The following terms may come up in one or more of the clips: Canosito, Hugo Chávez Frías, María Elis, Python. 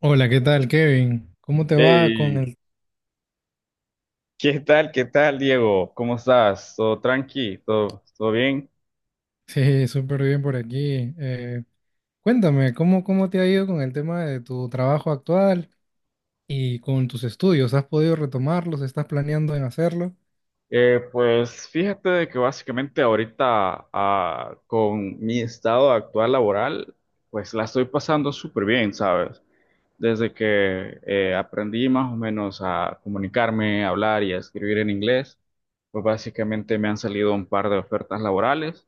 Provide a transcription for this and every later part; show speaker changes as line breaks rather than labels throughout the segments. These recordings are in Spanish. Hola, ¿qué tal, Kevin? ¿Cómo te va con
Hey,
el...
¿qué tal? ¿Qué tal, Diego? ¿Cómo estás? ¿Todo tranqui? ¿Todo bien?
Sí, súper bien por aquí. Cuéntame, ¿ cómo te ha ido con el tema de tu trabajo actual y con tus estudios? ¿Has podido retomarlos? ¿Estás planeando en hacerlo?
Pues fíjate de que básicamente ahorita con mi estado actual laboral, pues la estoy pasando súper bien, ¿sabes? Desde que aprendí más o menos a comunicarme, a hablar y a escribir en inglés, pues básicamente me han salido un par de ofertas laborales.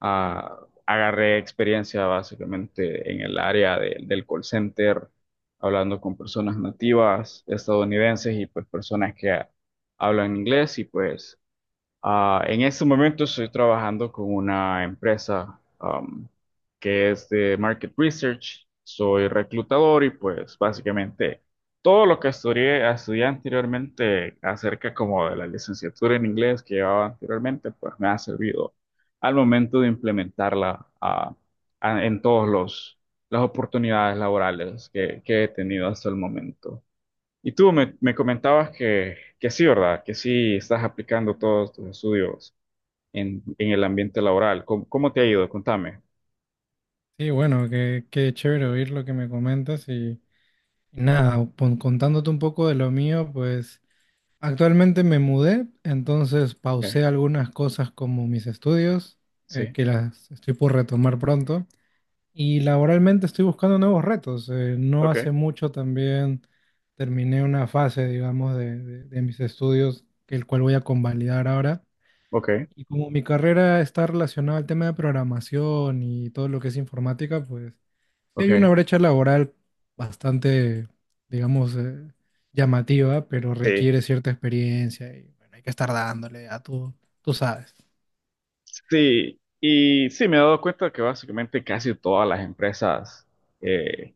Ah, Agarré experiencia básicamente en el área del call center, hablando con personas nativas estadounidenses y pues personas que hablan inglés y pues, en este momento estoy trabajando con una empresa que es de market research. Soy reclutador y pues básicamente todo lo que estudié anteriormente acerca como de la licenciatura en inglés que llevaba anteriormente, pues me ha servido al momento de implementarla en todos los las oportunidades laborales que he tenido hasta el momento. Y tú me comentabas que sí, ¿verdad? Que sí estás aplicando todos tus estudios en el ambiente laboral. ¿Cómo te ha ido? Contame.
Sí, bueno, qué chévere oír lo que me comentas y nada, contándote un poco de lo mío, pues actualmente me mudé, entonces
Ok.
pausé algunas cosas como mis estudios,
Sí.
que las estoy por retomar pronto. Y laboralmente estoy buscando nuevos retos. No hace
Ok,
mucho también terminé una fase, digamos, de mis estudios, que el cual voy a convalidar ahora.
ok,
Y como mi carrera está relacionada al tema de programación y todo lo que es informática, pues sí hay una
ok.
brecha laboral bastante, digamos, llamativa, pero
Sí,
requiere cierta experiencia y bueno, hay que estar dándole a tú sabes,
sí. Y sí, me he dado cuenta que básicamente casi todas las empresas eh,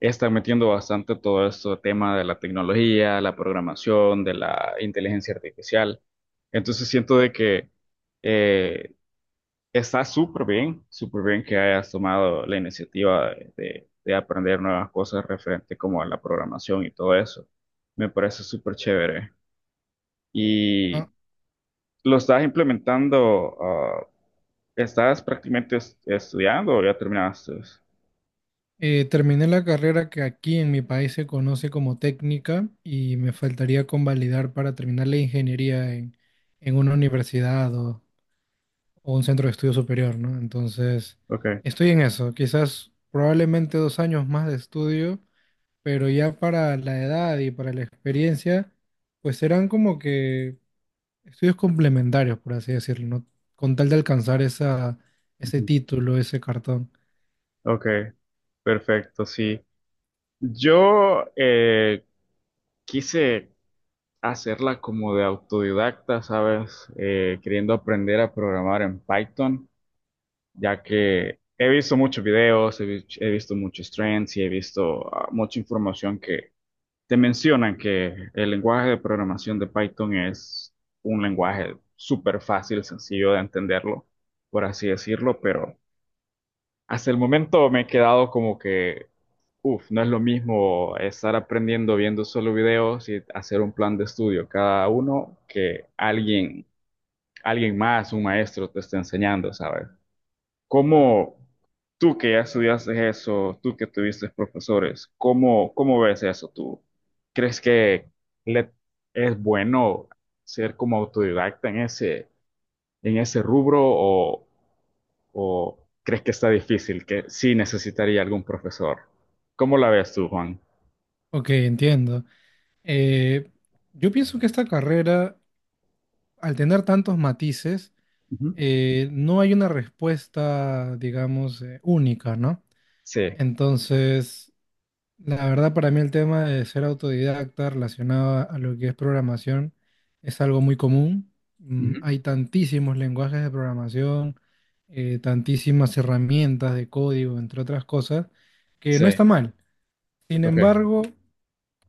están metiendo bastante todo este tema de la tecnología, la programación, de la inteligencia artificial. Entonces siento de que eh, está súper bien que hayas tomado la iniciativa de, de aprender nuevas cosas referente como a la programación y todo eso. Me parece súper chévere. Y
¿no?
lo estás implementando, estás prácticamente estudiando o ya terminaste.
Terminé la carrera que aquí en mi país se conoce como técnica y me faltaría convalidar para terminar la ingeniería en una universidad o un centro de estudio superior, ¿no? Entonces,
Ok.
estoy en eso, quizás probablemente dos años más de estudio, pero ya para la edad y para la experiencia, pues serán como que estudios complementarios, por así decirlo, ¿no? Con tal de alcanzar ese
Ujú.
título, ese cartón.
Ok, perfecto. Sí. Yo quise hacerla como de autodidacta, ¿sabes? Queriendo aprender a programar en Python. Ya que he visto muchos videos, he visto muchos trends y he visto mucha información que te mencionan que el lenguaje de programación de Python es un lenguaje súper fácil, sencillo de entenderlo, por así decirlo, pero hasta el momento me he quedado como que, uff, no es lo mismo estar aprendiendo viendo solo videos y hacer un plan de estudio cada uno que alguien, más, un maestro te esté enseñando, ¿sabes? ¿Cómo tú que ya estudiaste eso, tú que tuviste profesores, cómo ves eso tú? ¿Crees que le- es bueno ser como autodidacta en ese rubro o crees que está difícil, que sí necesitaría algún profesor? ¿Cómo la ves tú, Juan?
Ok, entiendo. Eh, yo pienso que esta carrera, al tener tantos matices,
Ujú.
no hay una respuesta, digamos, única, ¿no?
Sí.
Entonces, la verdad para mí el tema de ser autodidacta relacionado a lo que es programación es algo muy común.
Ujú.
Hay tantísimos lenguajes de programación, tantísimas herramientas de código, entre otras cosas, que
Sí.
no está mal. Sin
Ok.
embargo,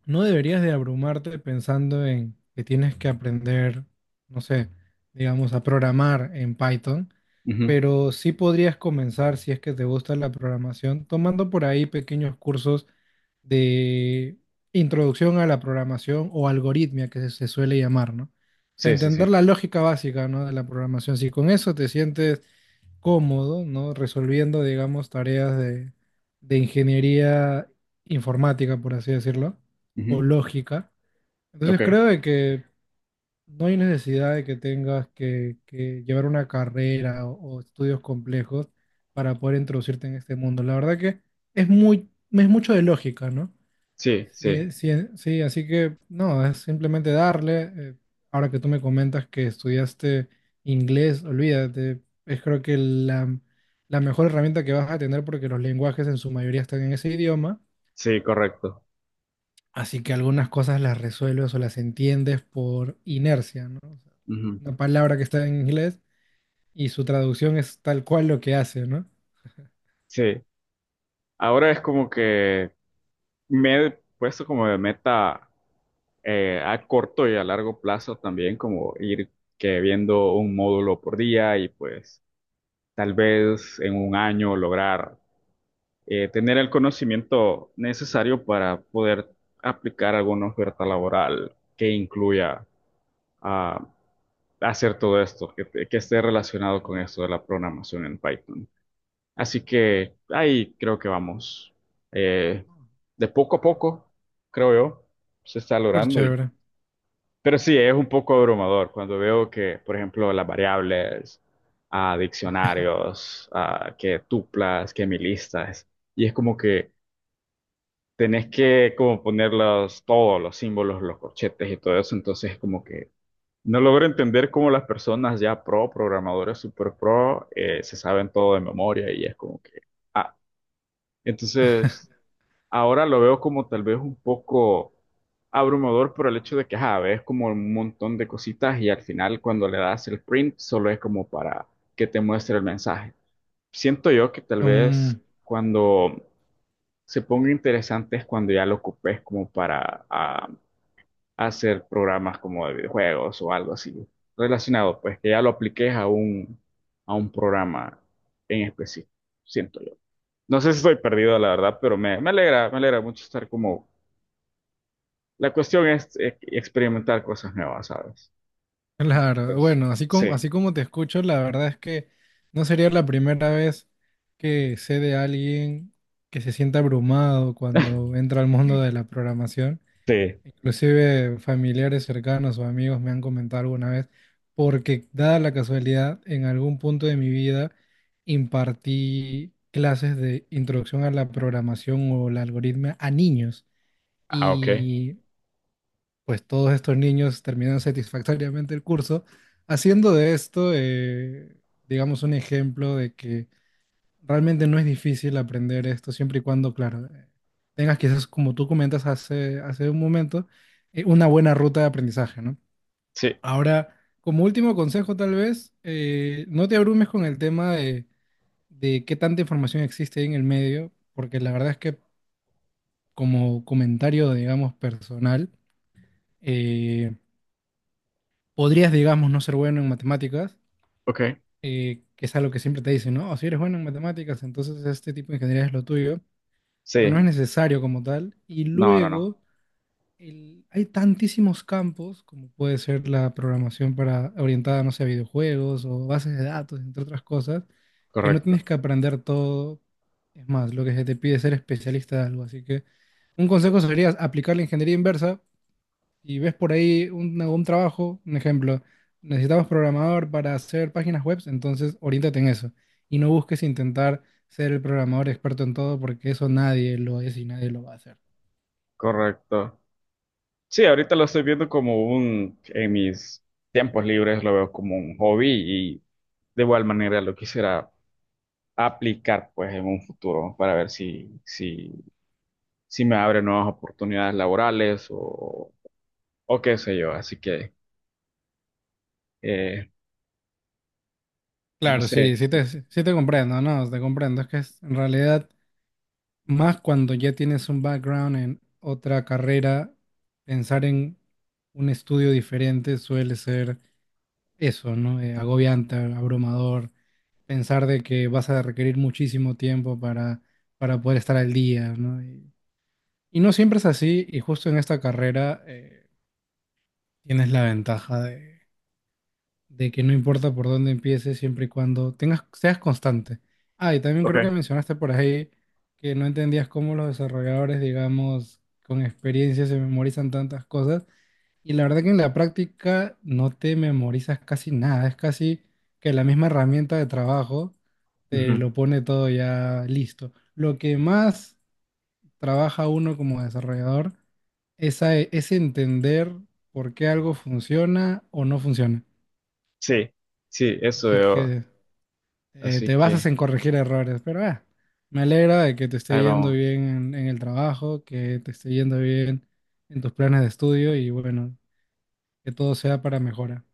no deberías de abrumarte pensando en que tienes que aprender, no sé, digamos, a programar en Python,
Ujú.
pero sí podrías comenzar, si es que te gusta la programación, tomando por ahí pequeños cursos de introducción a la programación o algoritmia que se suele llamar, ¿no? O sea,
Sí, sí,
entender
sí.
la lógica básica, ¿no?, de la programación. Si con eso te sientes cómodo, ¿no? Resolviendo, digamos, tareas de ingeniería informática, por así decirlo, o
Ujú.
lógica.
Ok.
Entonces creo de que no hay necesidad de que tengas que llevar una carrera o estudios complejos para poder introducirte en este mundo. La verdad que es muy, es mucho de lógica, ¿no?
Sí,
Sí,
sí.
sí, así que no, es simplemente darle. Ahora que tú me comentas que estudiaste inglés, olvídate, es creo que la mejor herramienta que vas a tener porque los lenguajes en su mayoría están en ese idioma,
Sí, correcto.
así que algunas cosas las resuelves o las entiendes por inercia, ¿no? O sea,
Ujú.
una palabra que está en inglés y su traducción es tal cual lo que hace, ¿no?
Sí. Ahora es como que me he puesto como de meta a corto y a largo plazo también, como ir que viendo un módulo por día y pues tal vez en un año lograr tener el conocimiento necesario para poder aplicar alguna oferta laboral que incluya ah, hacer todo esto, que esté relacionado con esto de la programación en Python. Así que ahí creo que vamos. Eh, de poco a
Sí.
poco, creo yo, se está
Súper
logrando.
chévere.
Pero sí, es un poco abrumador cuando veo que, por ejemplo, las variables, a diccionarios, a que tuplas, que milistas, y es como que tenés que como ponerlos todos los símbolos, los corchetes y todo eso, entonces como que no logro entender cómo las personas ya programadores super pro, se saben todo de memoria y es como que. ah, entonces, ahora lo veo como tal vez un poco abrumador por el hecho de que, ajá, ves como un montón de cositas y al final cuando le das el print solo es como para que te muestre el mensaje. Siento yo que tal vez cuando se ponga interesante es cuando ya lo ocupes como para hacer programas como de videojuegos o algo así relacionado, pues que ya lo apliques a un, programa en específico, siento yo. No sé si estoy perdido, la verdad, pero me alegra mucho estar como. La cuestión es experimentar cosas nuevas, ¿sabes?
Claro,
Entonces,
bueno,
sí.
así como te escucho, la verdad es que no sería la primera vez que sé de alguien que se sienta abrumado cuando entra al mundo de la programación.
Sí.
Inclusive familiares cercanos o amigos me han comentado alguna vez, porque dada la casualidad, en algún punto de mi vida impartí clases de introducción a la programación o la algoritmia a niños.
Ok.
Y pues todos estos niños terminan satisfactoriamente el curso, haciendo de esto, digamos, un ejemplo de que realmente no es difícil aprender esto siempre y cuando, claro, tengas quizás, como tú comentas hace un momento, una buena ruta de aprendizaje, ¿no?
Sí.
Ahora, como último consejo, tal vez, no te abrumes con el tema de qué tanta información existe ahí en el medio, porque la verdad es que como comentario, digamos, personal, eh, podrías, digamos, no ser bueno en matemáticas,
Ok.
que es algo que siempre te dicen, ¿no? O si eres bueno en matemáticas, entonces este tipo de ingeniería es lo tuyo, pero no
Sí.
es necesario como tal. Y
No, no, no.
luego, hay tantísimos campos, como puede ser la programación para, orientada, no sé, a videojuegos o bases de datos, entre otras cosas, que no
Correcto,
tienes que aprender todo. Es más, lo que se te pide es ser especialista de algo. Así que un consejo sería aplicar la ingeniería inversa y ves por ahí un trabajo, un ejemplo, necesitamos programador para hacer páginas web, entonces oriéntate en eso. Y no busques intentar ser el programador experto en todo, porque eso nadie lo es y nadie lo va a hacer.
correcto. Sí, ahorita lo estoy viendo como un. En mis tiempos libres lo veo como un hobby y de igual manera lo quisiera aplicar pues en un futuro para ver si, si me abre nuevas oportunidades laborales o qué sé yo, así que. eh, no
Claro,
sé.
sí, sí te comprendo, no, te comprendo. Es que es, en realidad, más cuando ya tienes un background en otra carrera, pensar en un estudio diferente suele ser eso, ¿no? Agobiante, abrumador pensar de que vas a requerir muchísimo tiempo para poder estar al día, ¿no? Y no siempre es así, y justo en esta carrera tienes la ventaja de que no importa por dónde empieces, siempre y cuando tengas, seas constante. Ah, y también creo que
Ok.
mencionaste por ahí que no entendías cómo los desarrolladores, digamos, con experiencia se memorizan tantas cosas. Y la verdad que en la práctica no te memorizas casi nada, es casi que la misma herramienta de trabajo te
Ujú.
lo pone todo ya listo. Lo que más trabaja uno como desarrollador es, es entender por qué algo funciona o no funciona.
Sí, sí, eso
Así
veo.
que
Así
te basas
que
en corregir errores, pero me alegra de que te esté
ahí
yendo
vamos.
bien en el trabajo, que te esté yendo bien en tus planes de estudio y bueno, que todo sea para mejora.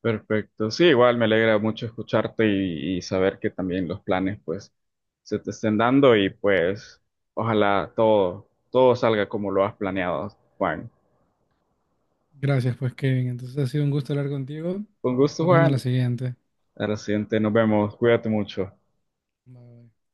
Perfecto. Sí, igual me alegra mucho escucharte y saber que también los planes pues se te estén dando y pues ojalá todo salga como lo has planeado, Juan.
Gracias, pues Kevin. Entonces ha sido un gusto hablar contigo.
Con
Nos
gusto,
estamos viendo en la
Juan.
siguiente.
A la siguiente, nos vemos. Cuídate mucho.
Bye, bye.